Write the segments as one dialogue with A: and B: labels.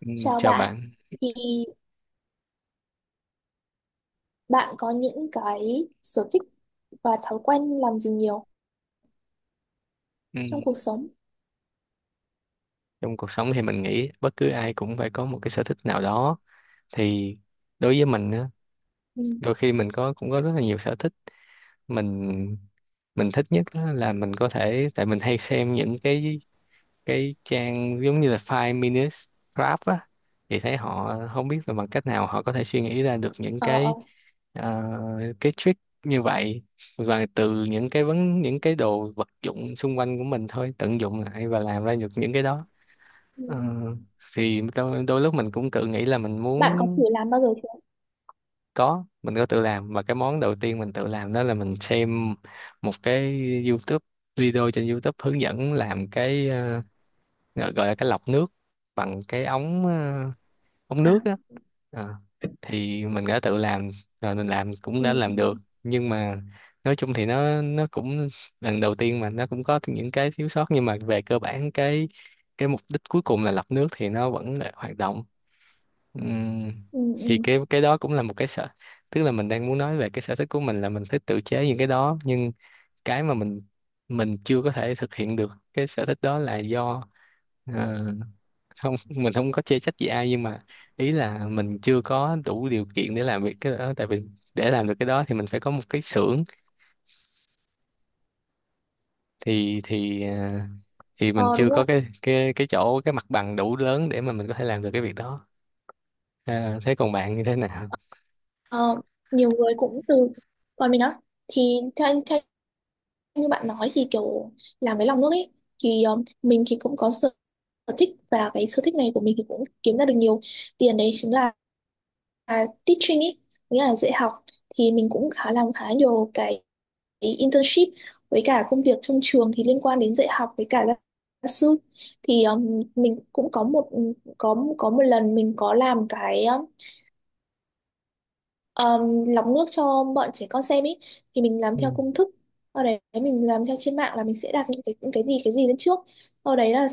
A: Ừ.
B: Chào
A: Chào
B: bạn,
A: bạn.
B: thì bạn có những cái sở thích và thói quen làm gì nhiều
A: Ừ.
B: trong cuộc sống?
A: Trong cuộc sống thì mình nghĩ bất cứ ai cũng phải có một cái sở thích nào đó. Thì đối với mình á,
B: Ừ.
A: đôi khi mình cũng có rất là nhiều sở thích. Mình mình thích nhất á là mình có thể, tại mình hay xem những cái trang giống như là Five Minutes Craft á, thì thấy họ không biết là bằng cách nào họ có thể suy nghĩ ra được những
B: Ờ, ờ.
A: ờ, cái trick như vậy, và từ những cái vấn những cái đồ vật dụng xung quanh của mình thôi, tận dụng lại và làm ra được những cái đó.
B: Ừ.
A: Ờ, thì đôi lúc mình cũng tự nghĩ là mình
B: Bạn có thử
A: muốn.
B: làm bao giờ chưa?
A: Có, mình có tự làm, và cái món đầu tiên mình tự làm đó là mình xem một cái YouTube video trên YouTube hướng dẫn làm cái gọi gọi là cái lọc nước bằng cái ống
B: À,
A: nước á. Ờ, thì mình đã tự làm rồi, mình làm cũng
B: ừ,
A: đã
B: ừ,
A: làm
B: ừ,
A: được, nhưng mà nói chung thì nó cũng lần đầu tiên mà nó cũng có những cái thiếu sót, nhưng mà về cơ bản cái mục đích cuối cùng là lọc nước thì nó vẫn là hoạt động. Ừm,
B: ừ.
A: thì
B: Ừ.
A: cái đó cũng là một cái sở tức là mình đang muốn nói về cái sở thích của mình là mình thích tự chế những cái đó, nhưng cái mà mình chưa có thể thực hiện được cái sở thích đó là do, ờ, không, mình không có chê trách gì ai, nhưng mà ý là mình chưa có đủ điều kiện để làm việc cái đó. Tại vì để làm được cái đó thì mình phải có một cái xưởng, thì thì mình
B: Ờ, đúng
A: chưa có
B: rồi.
A: cái mặt bằng đủ lớn để mà mình có thể làm được cái việc đó. Thế còn bạn như thế nào?
B: Ờ, nhiều người cũng từ, còn mình á thì theo như bạn nói thì kiểu làm với lòng nước ấy, thì mình thì cũng có sở sở thích, và cái sở thích này của mình thì cũng kiếm ra được nhiều tiền, đấy chính là à, teaching ý, nghĩa là dạy học. Thì mình cũng khá làm khá nhiều cái internship với cả công việc trong trường thì liên quan đến dạy học với cả gia gia sư. Thì mình cũng có một, có một lần mình có làm cái lọc nước cho bọn trẻ con xem ý. Thì mình làm
A: Ừ.
B: theo công thức ở đấy, mình làm theo trên mạng là mình sẽ đặt những cái, những cái gì lên trước, sau đấy là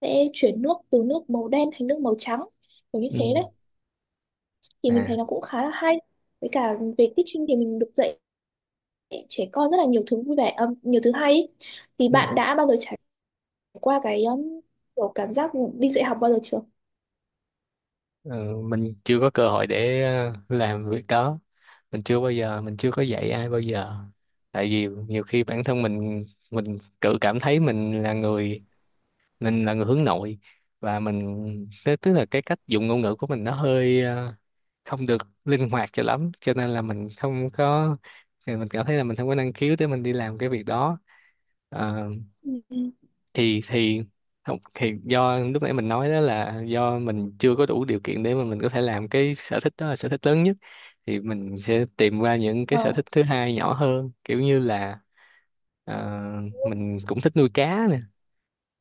B: sẽ chuyển nước từ nước màu đen thành nước màu trắng, kiểu như thế
A: Ừ.
B: đấy. Thì mình thấy
A: À.
B: nó cũng khá là hay. Với cả về teaching thì mình được dạy trẻ con rất là nhiều thứ vui vẻ, nhiều thứ hay ý. Thì
A: Ừ.
B: bạn đã bao giờ trải qua cái kiểu cảm giác đi dạy học bao giờ chưa?
A: Ờ, mình chưa có cơ hội để làm việc đó. Mình chưa có dạy ai bao giờ. Tại vì nhiều khi bản thân mình tự cảm thấy mình là người hướng nội. Và mình tức tức là cái cách dùng ngôn ngữ của mình nó hơi không được linh hoạt cho lắm, cho nên là mình không có. Thì mình cảm thấy là mình không có năng khiếu để mình đi làm cái việc đó. Ờ,
B: Ừ. Ừ.
A: thì không, thì do lúc nãy mình nói đó là do mình chưa có đủ điều kiện để mà mình có thể làm cái sở thích đó là sở thích lớn nhất, thì mình sẽ tìm ra những cái sở
B: Ờ.
A: thích thứ hai nhỏ hơn, kiểu như là ờ, mình cũng thích nuôi cá nè.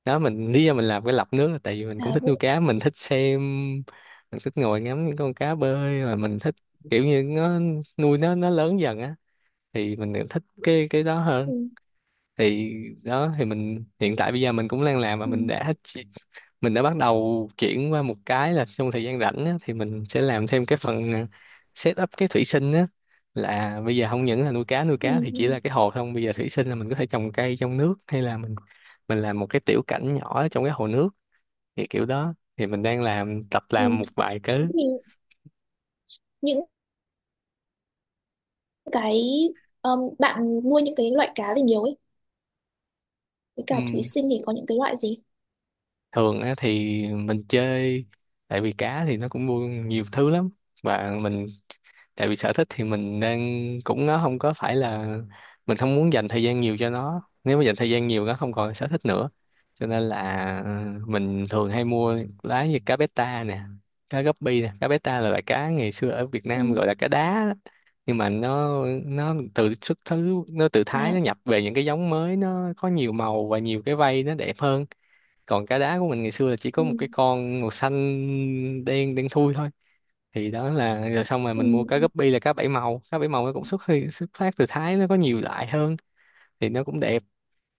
A: Đó, lý do mình làm cái lọc nước là tại vì mình cũng
B: À,
A: thích
B: vui.
A: nuôi cá, mình thích xem, mình thích ngồi ngắm những con cá bơi, và mình thích kiểu như nó, nuôi nó lớn dần á, thì mình thích cái đó hơn.
B: Ừ.
A: Thì đó, thì mình hiện tại bây giờ mình cũng đang làm, mà
B: Ừ.
A: mình đã bắt đầu chuyển qua một cái là trong thời gian rảnh á, thì mình sẽ làm thêm cái phần, set up cái thủy sinh á. Là bây giờ không những là nuôi cá
B: Ừ.
A: thì chỉ
B: Ừ.
A: là cái hồ không, bây giờ thủy sinh là mình có thể trồng cây trong nước, hay là mình làm một cái tiểu cảnh nhỏ trong cái hồ nước. Thì kiểu đó thì mình đang làm tập
B: Ừ.
A: làm một vài cái.
B: Thì những cái bạn nuôi những cái loại cá gì nhiều ấy, với cả thủy sinh thì có những cái loại gì?
A: Thường á thì mình chơi, tại vì cá thì nó cũng mua nhiều thứ lắm. Và mình, tại vì sở thích thì mình đang, cũng nó không có phải là, mình không muốn dành thời gian nhiều cho nó, nếu mà dành thời gian nhiều nó không còn sở thích nữa. Cho nên là mình thường hay mua lá như cá beta nè, cá guppy nè. Cá beta là loại cá ngày xưa ở Việt
B: Ừ.
A: Nam gọi là cá đá đó. Nhưng mà nó từ xuất xứ nó từ Thái, nó
B: À.
A: nhập về những cái giống mới, nó có nhiều màu và nhiều cái vây nó đẹp hơn. Còn cá đá của mình ngày xưa là chỉ có một cái
B: Ừ.
A: con màu xanh đen đen thui thôi. Thì đó là, rồi xong rồi
B: Ừ.
A: mình mua cá
B: Ừ.
A: guppy là Cá bảy màu nó cũng xuất phát từ Thái, nó có nhiều loại hơn, thì nó cũng đẹp.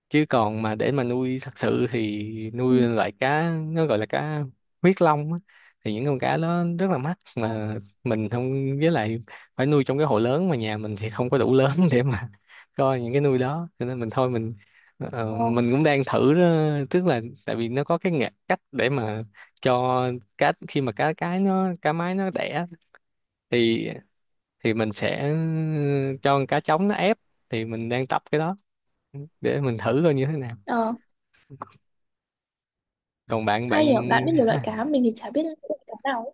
A: Chứ còn mà để mà nuôi thật sự thì nuôi
B: Ừ.
A: loại cá nó gọi là cá huyết long á, thì những con cá đó rất là mắc
B: Ờ.
A: mà. Mình không, với lại phải nuôi trong cái hồ lớn, mà nhà mình thì không có đủ lớn để mà coi những cái nuôi đó, cho nên mình thôi.
B: Ờ.
A: Mình cũng đang thử đó, tức là tại vì nó có cái cách để mà cho cá, khi mà cá mái nó đẻ thì thì mình sẽ cho con cá trống nó ép, thì mình đang tập cái đó để mình thử coi như thế nào.
B: Ờ.
A: Còn bạn bạn
B: Hay nhỉ, bạn biết nhiều loại cá, mình thì chả biết loại cá nào ấy.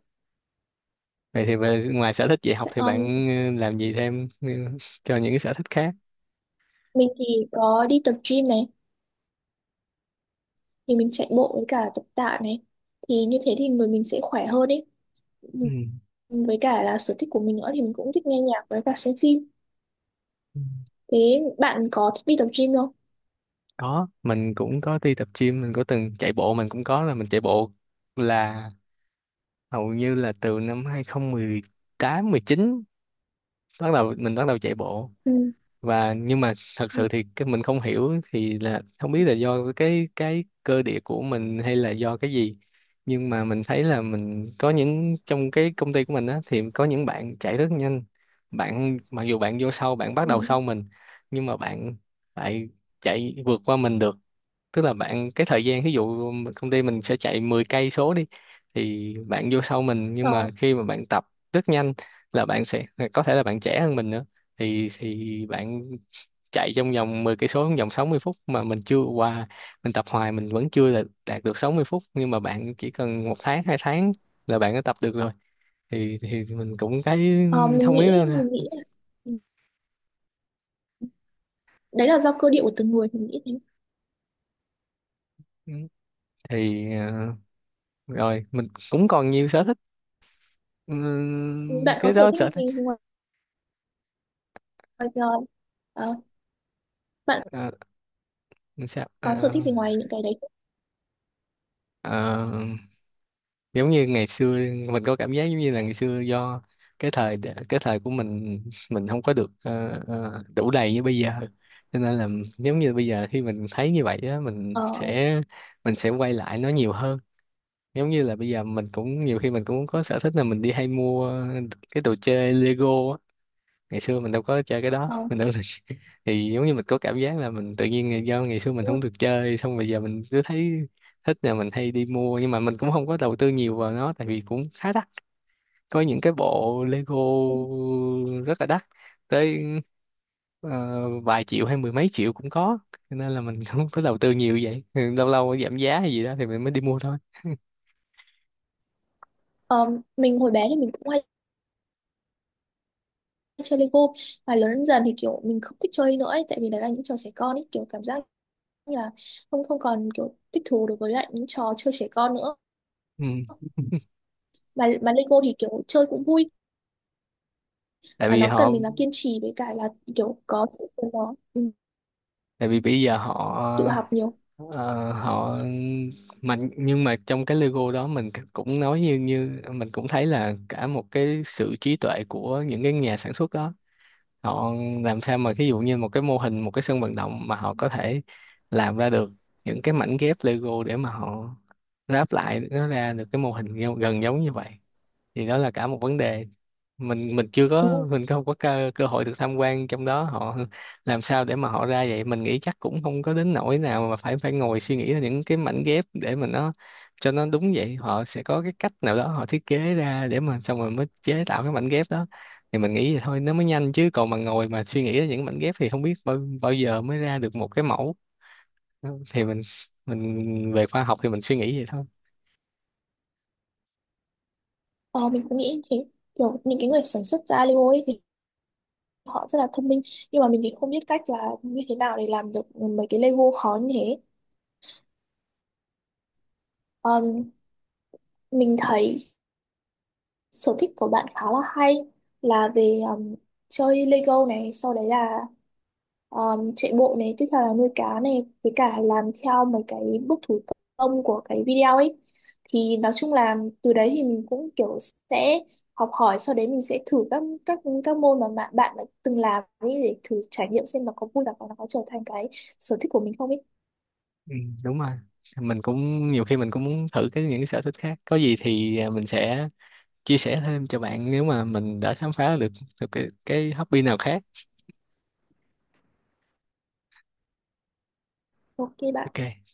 A: vậy thì về ngoài sở thích dạy học
B: Sẽ-
A: thì
B: um,
A: bạn làm gì thêm cho những cái sở thích khác?
B: mình thì có đi tập gym này, thì mình chạy bộ với cả tập tạ này, thì như thế thì người mình sẽ khỏe hơn ấy.
A: Ừ.
B: Ừ. Với cả là sở thích của mình nữa thì mình cũng thích nghe nhạc với cả xem phim.
A: Ừ.
B: Thế bạn có thích đi tập gym không?
A: Có, mình cũng có đi tập gym, mình có từng chạy bộ, mình cũng có là mình chạy bộ là hầu như là từ năm 2018, 19 bắt đầu, mình bắt đầu chạy bộ.
B: Ừ.
A: Và nhưng mà thật sự
B: Ừ.
A: thì cái mình không hiểu thì là không biết là do cái cơ địa của mình hay là do cái gì, nhưng mà mình thấy là mình có những, trong cái công ty của mình á thì có những bạn chạy rất nhanh. Bạn mặc dù bạn vô sau, bạn bắt
B: Ừ.
A: đầu sau mình, nhưng mà bạn lại chạy vượt qua mình được. Tức là bạn cái thời gian, ví dụ công ty mình sẽ chạy 10 cây số đi, thì bạn vô sau mình nhưng
B: Ờ.
A: mà khi mà bạn tập rất nhanh, là bạn sẽ có thể, là bạn trẻ hơn mình nữa, thì bạn chạy trong vòng 10 cây số trong vòng 60 phút mà mình chưa qua. Mình tập hoài mình vẫn chưa là đạt được 60 phút, nhưng mà bạn chỉ cần 1 tháng 2 tháng là bạn đã tập được rồi. Thì mình cũng cái
B: Ờ, mình
A: không biết
B: nghĩ
A: nữa
B: mình
A: nè.
B: nghĩ là ừ, đấy là do cơ địa của từng người, mình nghĩ thế.
A: Ừ. Thì rồi mình cũng còn nhiều sở thích. Ừ,
B: Bạn có
A: cái
B: sở
A: đó
B: thích
A: sở
B: gì
A: thích.
B: ngoài, ngoài, ờ, ờ, bạn
A: Ờ, sao
B: có sở
A: ờ,
B: thích gì ngoài những cái đấy không?
A: ờ, Giống như ngày xưa, mình có cảm giác giống như là ngày xưa do cái thời cái thời của mình không có được đủ đầy như bây giờ, cho nên là giống như bây giờ khi mình thấy như vậy á, mình
B: Ờ.
A: sẽ quay lại nó nhiều hơn. Giống như là bây giờ mình cũng nhiều khi mình cũng có sở thích là mình đi hay mua cái đồ chơi Lego á. Ngày xưa mình đâu có chơi cái đó,
B: Ờ,
A: mình đâu. Thì giống như mình có cảm giác là mình tự nhiên do ngày xưa mình
B: đúng
A: không
B: rồi.
A: được chơi, xong bây giờ mình cứ thấy thích là mình hay đi mua, nhưng mà mình cũng không có đầu tư nhiều vào nó tại vì cũng khá đắt. Có những cái bộ Lego
B: Ừ.
A: rất là đắt tới ờ, vài triệu hay mười mấy triệu cũng có, cho nên là mình không có đầu tư nhiều vậy. Ừ, lâu lâu giảm giá hay gì đó thì mình mới đi mua thôi.
B: Ờ, mình hồi bé thì mình cũng hay chơi Lego, và lớn dần dần thì kiểu mình không thích chơi nữa ấy, tại vì đấy là những trò trẻ con ấy, kiểu cảm giác như là không, không còn kiểu thích thú đối với lại những trò chơi trẻ con nữa.
A: Ừ.
B: Mà Lego thì kiểu chơi cũng vui,
A: tại
B: mà
A: vì
B: nó
A: họ
B: cần mình là kiên trì với cả là kiểu có sự của nó, ừ,
A: Tại vì bây giờ họ,
B: tự học nhiều.
A: Họ, mình, nhưng mà trong cái logo đó mình c- cũng nói, như như mình cũng thấy là cả một cái sự trí tuệ của những cái nhà sản xuất đó. Họ làm sao mà ví dụ như một cái mô hình, một cái sân vận động mà họ có thể làm ra được những cái mảnh ghép Lego, để mà họ ráp lại nó ra được cái mô hình gần giống như vậy, thì đó là cả một vấn đề. Mình chưa
B: Đúng
A: có,
B: rồi.
A: mình không có cơ hội được tham quan trong đó họ làm sao để mà họ ra vậy. Mình nghĩ chắc cũng không có đến nỗi nào mà phải phải ngồi suy nghĩ ra những cái mảnh ghép để mà nó cho nó đúng vậy. Họ sẽ có cái cách nào đó họ thiết kế ra để mà xong rồi mới chế tạo cái mảnh ghép đó, thì mình nghĩ vậy thôi nó mới nhanh. Chứ còn mà ngồi mà suy nghĩ ra những mảnh ghép thì không biết bao giờ mới ra được một cái mẫu. Thì mình về khoa học thì mình suy nghĩ vậy thôi.
B: Ờ, mình cũng nghĩ như thế. Kiểu những cái người sản xuất ra Lego ấy thì họ rất là thông minh, nhưng mà mình thì không biết cách là như thế nào để làm được mấy cái Lego khó như thế. Ờm, mình thấy sở thích của bạn khá là hay, là về chơi Lego này, sau đấy là chạy bộ này, tiếp theo là nuôi cá này, với cả làm theo mấy cái bước thủ công của cái video ấy. Thì nói chung là từ đấy thì mình cũng kiểu sẽ học hỏi, sau đấy mình sẽ thử các các môn mà bạn bạn đã từng làm ấy, để thử trải nghiệm xem nó có vui và nó có trở thành cái sở thích của mình không ấy.
A: Ừ, đúng rồi. Mình cũng nhiều khi mình cũng muốn thử cái những cái sở thích khác, có gì thì mình sẽ chia sẻ thêm cho bạn nếu mà mình đã khám phá được được cái hobby nào khác.
B: Ok bạn.
A: Ok.